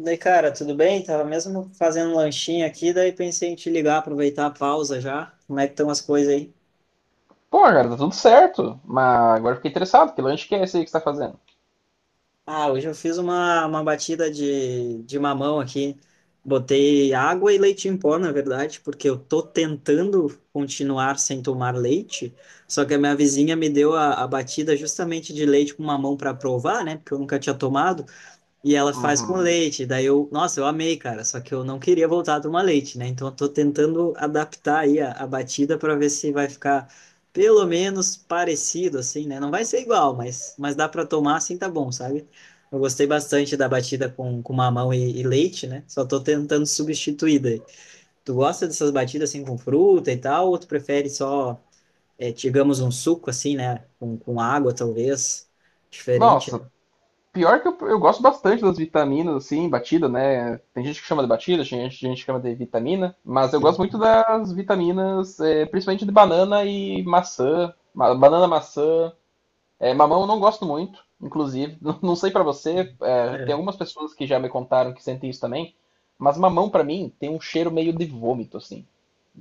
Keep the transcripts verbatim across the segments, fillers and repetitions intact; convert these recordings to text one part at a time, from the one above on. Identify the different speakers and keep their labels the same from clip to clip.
Speaker 1: Daí, cara, tudo bem? Tava mesmo fazendo um lanchinho aqui, daí pensei em te ligar, aproveitar a pausa já. Como é que estão as coisas aí?
Speaker 2: Pô, cara, tá tudo certo. Mas agora eu fiquei interessado. Que lanche que é esse aí que você tá fazendo?
Speaker 1: Ah, hoje eu fiz uma, uma batida de, de mamão aqui. Botei água e leite em pó, na verdade, porque eu tô tentando continuar sem tomar leite, só que a minha vizinha me deu a, a batida justamente de leite com mamão para provar, né? Porque eu nunca tinha tomado. E ela faz com
Speaker 2: Uhum.
Speaker 1: leite. Daí eu, nossa, eu amei, cara. Só que eu não queria voltar a tomar leite, né? Então eu tô tentando adaptar aí a, a batida para ver se vai ficar pelo menos parecido, assim, né? Não vai ser igual, mas, mas dá para tomar assim, tá bom, sabe? Eu gostei bastante da batida com, com mamão e, e leite, né? Só tô tentando substituir daí. Tu gosta dessas batidas assim com fruta e tal, ou tu prefere só, é, digamos, um suco assim, né? Com, com água, talvez. Diferente, né?
Speaker 2: Nossa, pior que eu, eu gosto bastante das vitaminas, assim, batida, né? Tem gente que chama de batida, tem gente, gente que chama de vitamina. Mas eu gosto muito
Speaker 1: Sim.
Speaker 2: das vitaminas, é, principalmente de banana e maçã. Ma- banana, maçã. É, mamão eu não gosto muito, inclusive. Não, não sei pra você, é, tem
Speaker 1: É,
Speaker 2: algumas pessoas que já me contaram que sentem isso também. Mas mamão pra mim tem um cheiro meio de vômito, assim.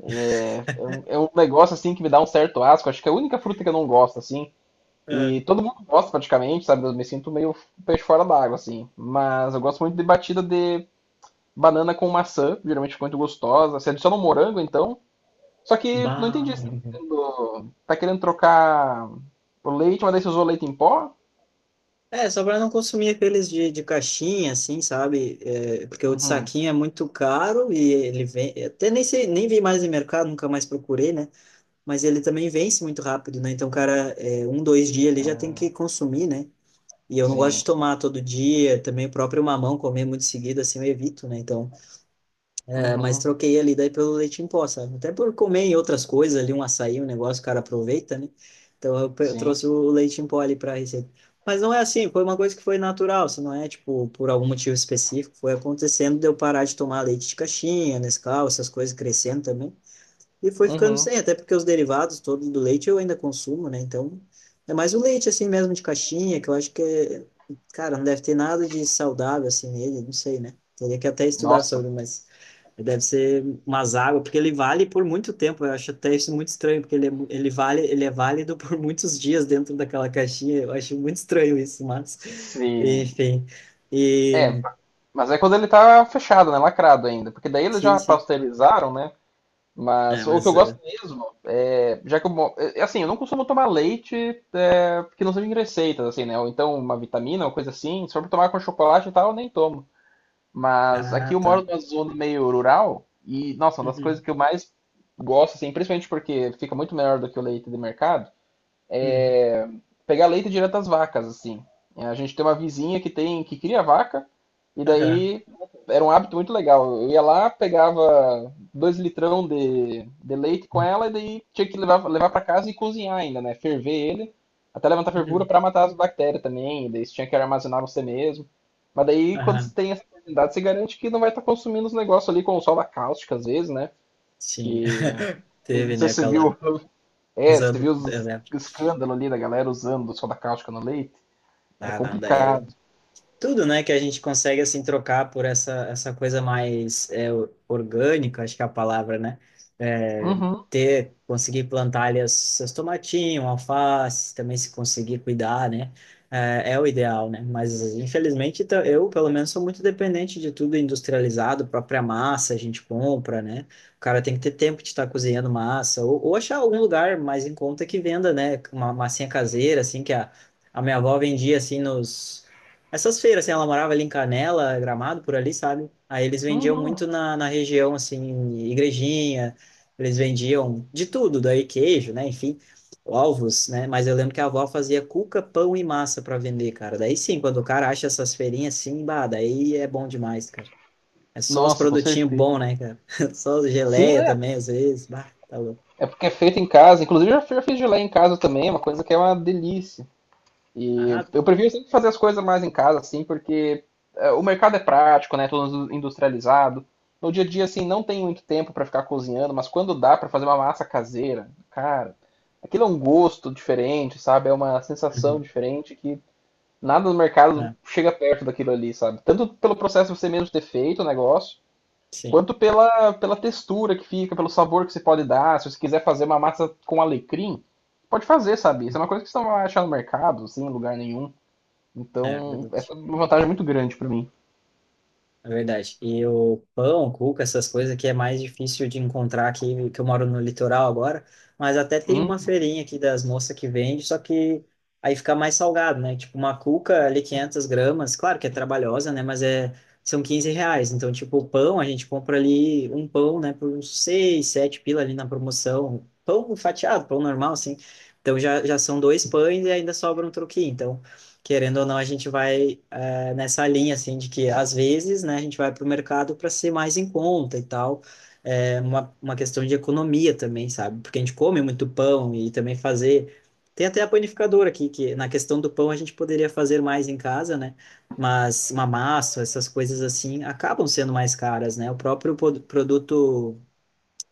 Speaker 2: É, é, um, é um negócio assim que me dá um certo asco. Acho que é a única fruta que eu não gosto, assim. E
Speaker 1: é.
Speaker 2: todo mundo gosta praticamente, sabe? Eu me sinto meio peixe fora d'água, assim. Mas eu gosto muito de batida de banana com maçã, geralmente fica muito gostosa. Se adiciona um morango, então. Só que não entendi.
Speaker 1: Bah.
Speaker 2: Você tá querendo, tá querendo trocar o leite, mas daí você usou leite em pó?
Speaker 1: É, só pra não consumir aqueles de, de caixinha, assim, sabe? É, porque o de
Speaker 2: Uhum.
Speaker 1: saquinho é muito caro e ele vem. Até nem sei, nem vi mais em mercado, nunca mais procurei, né? Mas ele também vence muito rápido, né? Então, o cara, é, um, dois dias ele já tem que consumir, né? E eu não gosto de
Speaker 2: Sim.
Speaker 1: tomar todo dia, também o próprio mamão, comer muito seguido, assim, eu evito, né? Então. É, mas
Speaker 2: Uhum.
Speaker 1: troquei ali daí pelo leite em pó, sabe? Até por comer em outras coisas ali, um açaí, um negócio, o cara aproveita, né? Então eu, pe- eu
Speaker 2: Sim.
Speaker 1: trouxe o leite em pó ali para receita. Mas não é assim, foi uma coisa que foi natural, se não é, tipo, por algum motivo específico, foi acontecendo de eu parar de tomar leite de caixinha, Nescau, essas coisas crescendo também. E foi ficando
Speaker 2: Uhum.
Speaker 1: sem, até porque os derivados todos do leite eu ainda consumo, né? Então, é mais o leite assim mesmo de caixinha, que eu acho que é, cara, não deve ter nada de saudável assim nele, não sei, né? Teria que até estudar
Speaker 2: Nossa.
Speaker 1: sobre, mas deve ser umas águas, porque ele vale por muito tempo, eu acho até isso muito estranho, porque ele é, mu- ele vale, ele é válido por muitos dias dentro daquela caixinha, eu acho muito estranho isso, mas
Speaker 2: Sim.
Speaker 1: enfim. E
Speaker 2: É, Mas é quando ele tá fechado, né? Lacrado ainda. Porque daí eles
Speaker 1: sim,
Speaker 2: já
Speaker 1: sim.
Speaker 2: pasteurizaram, né?
Speaker 1: É,
Speaker 2: Mas o que eu
Speaker 1: mas
Speaker 2: gosto
Speaker 1: eh,
Speaker 2: mesmo é. Já que eu. Mo- é- é Assim, eu não costumo tomar leite é, que não seja em receitas, assim, né? Ou então uma vitamina ou coisa assim. Se for pra tomar com chocolate e tal, eu nem tomo. Mas
Speaker 1: ah,
Speaker 2: aqui eu
Speaker 1: tá.
Speaker 2: moro numa zona meio rural e, nossa, uma das
Speaker 1: Uhum.
Speaker 2: coisas que eu mais gosto, assim, principalmente porque fica muito melhor do que o leite de mercado,
Speaker 1: Uhum.
Speaker 2: é, pegar leite direto das vacas, assim. A gente tem uma vizinha que tem que cria vaca, e
Speaker 1: Aham.
Speaker 2: daí era um hábito muito legal. Eu ia lá, pegava dois litrão de, de leite com ela, e daí tinha que levar, levar para casa e cozinhar ainda, né? Ferver ele, até levantar fervura
Speaker 1: Uhum.
Speaker 2: para matar as bactérias também, e daí você tinha que armazenar você mesmo. Mas daí, quando você
Speaker 1: Aham,
Speaker 2: tem essa oportunidade, você garante que não vai estar consumindo os negócios ali com sola cáustica, às vezes, né?
Speaker 1: sim.
Speaker 2: Que. Eu não
Speaker 1: Teve,
Speaker 2: sei
Speaker 1: né,
Speaker 2: se você
Speaker 1: aquela...
Speaker 2: viu,
Speaker 1: Uns
Speaker 2: é, você
Speaker 1: anos...
Speaker 2: viu
Speaker 1: Eu
Speaker 2: os
Speaker 1: lembro.
Speaker 2: escândalo ali da galera usando soda cáustica no leite? É
Speaker 1: Ah, não,
Speaker 2: complicado.
Speaker 1: daí... tudo, né, que a gente consegue assim trocar por essa essa coisa mais é, orgânica, acho que é a palavra, né? É,
Speaker 2: Uhum,
Speaker 1: ter conseguir plantar ali os seus tomatinhos, alface, também se conseguir cuidar, né? É, é o ideal, né? Mas infelizmente tá- eu, pelo menos, sou muito dependente de tudo industrializado, própria massa a gente compra, né? O cara tem que ter tempo de estar cozinhando massa ou, ou achar algum lugar mais em conta que venda, né? Uma massinha caseira, assim que a, a minha avó vendia assim nos essas feiras, assim, ela morava ali em Canela, Gramado, por ali, sabe? Aí eles vendiam muito
Speaker 2: uhum.
Speaker 1: na, na região, assim, igrejinha, eles vendiam de tudo, daí queijo, né? Enfim, ovos, né? Mas eu lembro que a avó fazia cuca, pão e massa para vender, cara. Daí sim, quando o cara acha essas feirinhas assim, bah, daí é bom demais, cara. É só os
Speaker 2: Nossa, com
Speaker 1: produtinhos
Speaker 2: certeza.
Speaker 1: bons, né, cara? Só as
Speaker 2: Sim,
Speaker 1: geleia
Speaker 2: né?
Speaker 1: também, às vezes, bah, tá louco.
Speaker 2: É porque é feito em casa. Inclusive, eu já fiz geleia em casa também, é uma coisa que é uma delícia. E
Speaker 1: Ah,
Speaker 2: eu prefiro sempre fazer as coisas mais em casa, assim, porque é, o mercado é prático, né? Tudo industrializado. No dia a dia, assim, não tem muito tempo para ficar cozinhando, mas quando dá para fazer uma massa caseira, cara, aquilo é um gosto diferente, sabe? É uma sensação
Speaker 1: uhum.
Speaker 2: diferente que nada no mercado
Speaker 1: Ah,
Speaker 2: chega perto daquilo ali, sabe? Tanto pelo processo de você mesmo ter feito o negócio,
Speaker 1: sim,
Speaker 2: quanto pela, pela textura que fica, pelo sabor que você pode dar. Se você quiser fazer uma massa com alecrim, pode fazer, sabe? Isso é uma coisa que você não vai achar no mercado, assim, em lugar nenhum.
Speaker 1: é
Speaker 2: Então, essa
Speaker 1: verdade.
Speaker 2: é uma vantagem muito grande pra mim.
Speaker 1: É verdade. E o pão, cuca, essas coisas que é mais difícil de encontrar aqui, que eu moro no litoral agora, mas até tem uma
Speaker 2: Hum,
Speaker 1: feirinha aqui das moças que vende, só que aí fica mais salgado, né? Tipo, uma cuca ali 500 gramas, claro que é trabalhosa, né? Mas é, são quinze reais. Então, tipo, o pão, a gente compra ali um pão, né? Por uns seis sete pila ali na promoção. Pão fatiado, pão normal, assim. Então já, já são dois pães e ainda sobra um troquinho. Então, querendo ou não, a gente vai é, nessa linha, assim, de que às vezes, né, a gente vai para o mercado para ser mais em conta e tal, é uma, uma questão de economia também, sabe? Porque a gente come muito pão e também fazer. Tem até a panificadora aqui, que na questão do pão a gente poderia fazer mais em casa, né? Mas uma massa, essas coisas assim, acabam sendo mais caras, né? O próprio pod- produto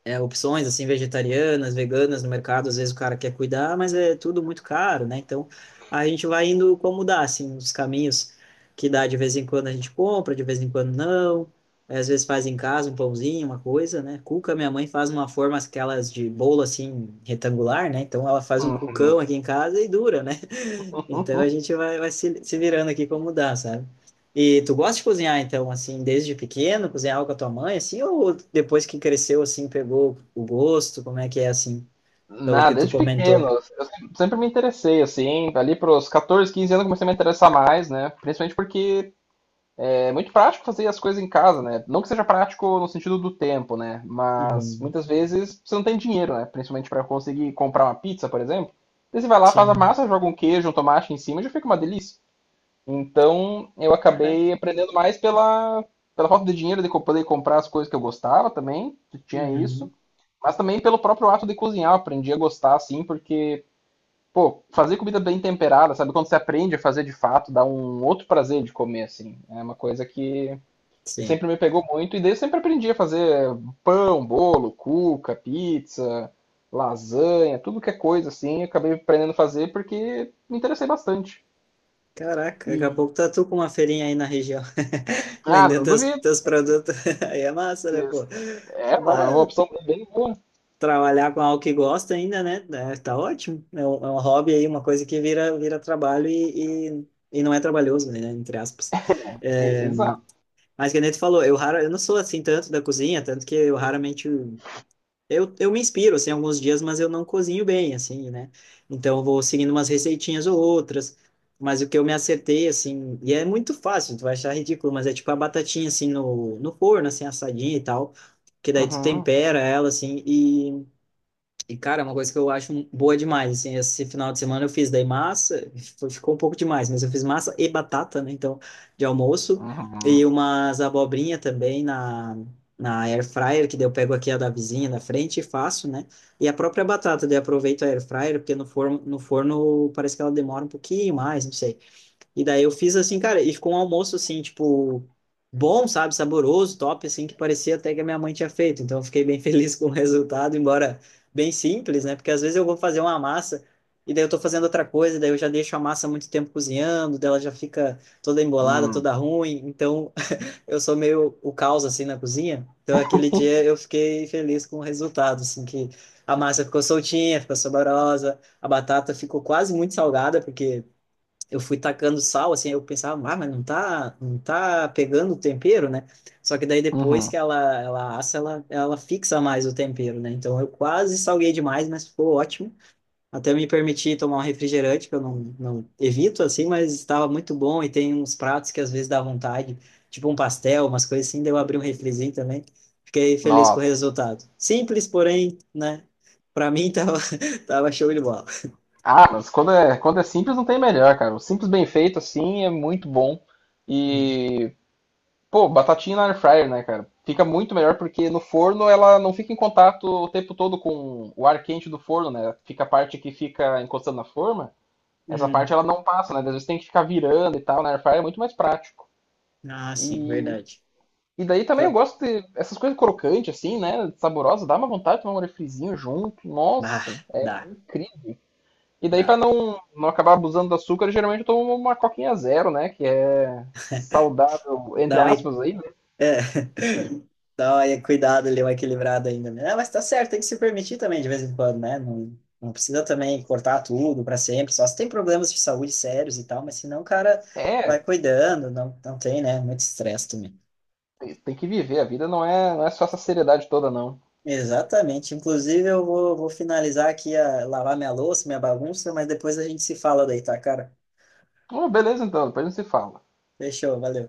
Speaker 1: é, opções assim vegetarianas, veganas no mercado, às vezes o cara quer cuidar, mas é tudo muito caro, né? Então a gente vai indo como dá, assim, os caminhos que dá de vez em quando a gente compra, de vez em quando não. É, às vezes faz em casa um pãozinho, uma coisa, né? Cuca, minha mãe faz uma forma aquelas de bolo assim retangular, né? Então ela faz um
Speaker 2: hum,
Speaker 1: cucão aqui em casa e dura, né? Então a
Speaker 2: hum.
Speaker 1: gente vai, vai se, se virando aqui como dá, sabe? E tu gosta de cozinhar, então, assim, desde pequeno, cozinhava com a tua mãe, assim, ou depois que cresceu, assim, pegou o gosto? Como é que é, assim, pelo que
Speaker 2: Nada,
Speaker 1: tu
Speaker 2: desde pequeno.
Speaker 1: comentou?
Speaker 2: Eu sempre me interessei, assim. Ali pros catorze, quinze anos eu comecei a me interessar mais, né? Principalmente porque é muito prático fazer as coisas em casa, né? Não que seja prático no sentido do tempo, né? Mas
Speaker 1: Uhum.
Speaker 2: muitas vezes você não tem dinheiro, né? Principalmente para conseguir comprar uma pizza, por exemplo. Daí você vai lá, faz a
Speaker 1: Sim.
Speaker 2: massa, joga um queijo, um tomate em cima e já fica uma delícia. Então eu
Speaker 1: Caraca.
Speaker 2: acabei aprendendo mais pela, pela falta de dinheiro de co- poder comprar as coisas que eu gostava também, que tinha isso.
Speaker 1: Uhum.
Speaker 2: Mas também pelo próprio ato de cozinhar, eu aprendi a gostar assim, porque, pô, fazer comida bem temperada, sabe? Quando você aprende a fazer de fato, dá um outro prazer de comer, assim. É uma coisa que
Speaker 1: Sim.
Speaker 2: sempre me pegou muito, e daí eu sempre aprendi a fazer pão, bolo, cuca, pizza, lasanha, tudo que é coisa assim, eu acabei aprendendo a fazer porque me interessei bastante.
Speaker 1: Caraca, daqui a
Speaker 2: E,
Speaker 1: pouco tá tu com uma feirinha aí na região,
Speaker 2: ah,
Speaker 1: vendendo
Speaker 2: não
Speaker 1: teus,
Speaker 2: duvido.
Speaker 1: teus produtos. Aí é massa, né, pô?
Speaker 2: É uma, é uma
Speaker 1: Vai
Speaker 2: opção bem boa.
Speaker 1: trabalhar com algo que gosta ainda, né? É, tá ótimo. É um, é um hobby aí, uma coisa que vira, vira trabalho e, e, e não é trabalhoso, né? Entre aspas.
Speaker 2: E-
Speaker 1: É,
Speaker 2: exato.
Speaker 1: mas que nem tu falou, eu, rara, eu não sou assim tanto da cozinha, tanto que eu raramente. Eu, eu me inspiro, assim, alguns dias, mas eu não cozinho bem, assim, né? Então eu vou seguindo umas receitinhas ou outras. Mas o que eu me acertei, assim, e é muito fácil, tu vai achar ridículo, mas é tipo a batatinha, assim, no, no forno, assim, assadinha e tal, que daí tu
Speaker 2: Uhum,
Speaker 1: tempera ela, assim, e e, cara, é uma coisa que eu acho boa demais, assim, esse final de semana eu fiz daí massa, foi- ficou um pouco demais, mas eu fiz massa e batata, né, então, de almoço,
Speaker 2: uhum,
Speaker 1: e umas abobrinha também na, na air fryer, que daí eu pego aqui a da vizinha da frente e faço, né, e a própria batata, daí eu aproveito a air fryer, porque no forno, no forno parece que ela demora um pouquinho mais, não sei, e daí eu fiz assim, cara, e ficou um almoço assim, tipo, bom, sabe, saboroso, top, assim, que parecia até que a minha mãe tinha feito. Então eu fiquei bem feliz com o resultado, embora bem simples, né? Porque às vezes eu vou fazer uma massa e daí eu tô fazendo outra coisa, daí eu já deixo a massa muito tempo cozinhando, daí ela já fica toda embolada,
Speaker 2: uhum,
Speaker 1: toda ruim. Então eu sou meio o caos assim na cozinha. Então aquele dia eu fiquei feliz com o resultado, assim, que a massa ficou soltinha, ficou saborosa, a batata ficou quase muito salgada, porque eu fui tacando sal, assim, eu pensava, ah, mas não tá, não tá pegando o tempero, né? Só que daí depois
Speaker 2: uhum.
Speaker 1: que ela, ela assa, ela, ela fixa mais o tempero, né? Então eu quase salguei demais, mas ficou ótimo. Até me permiti tomar um refrigerante, que eu não, não evito, assim, mas estava muito bom. E tem uns pratos que às vezes dá vontade, tipo um pastel, umas coisas assim, daí eu abri um refrizinho também. Fiquei feliz com o
Speaker 2: Nossa.
Speaker 1: resultado. Simples, porém, né? Pra mim tava, tava show de bola.
Speaker 2: Ah, mas quando é, quando é simples não tem melhor, cara. O simples bem feito assim é muito bom.
Speaker 1: Hum.
Speaker 2: E Pô, batatinha na air fryer, né, cara? Fica muito melhor porque no forno ela não fica em contato o tempo todo com o ar quente do forno, né? Fica a parte que fica encostando na forma, essa parte
Speaker 1: Hum.
Speaker 2: ela não passa, né? Às vezes tem que ficar virando e tal, na air fryer é muito mais prático.
Speaker 1: Ah, sim,
Speaker 2: E,
Speaker 1: verdade.
Speaker 2: e daí também eu gosto de essas coisas crocantes, assim, né? Saborosas, dá uma vontade de tomar um refrizinho junto.
Speaker 1: Ah,
Speaker 2: Nossa, é
Speaker 1: dá,
Speaker 2: incrível. E daí, pra
Speaker 1: dá.
Speaker 2: não, não acabar abusando do açúcar, geralmente eu tomo uma coquinha zero, né? Que é saudável, entre
Speaker 1: Dá uma, é,
Speaker 2: aspas, aí, né?
Speaker 1: dá uma cuidado ali, uma equilibrada ainda, né? Ah, mas tá certo, tem que se permitir também de vez em quando, né? Não, não precisa também cortar tudo para sempre, só se tem problemas de saúde sérios e tal, mas senão o cara vai
Speaker 2: É,
Speaker 1: cuidando, não, não tem, né? Muito estresse também.
Speaker 2: Tem que viver, a vida não é, não é só essa seriedade toda, não.
Speaker 1: Exatamente. Inclusive, eu vou, vou finalizar aqui a lavar minha louça, minha bagunça, mas depois a gente se fala daí, tá, cara?
Speaker 2: Oh, beleza, então, depois a gente se fala.
Speaker 1: Fechou, valeu.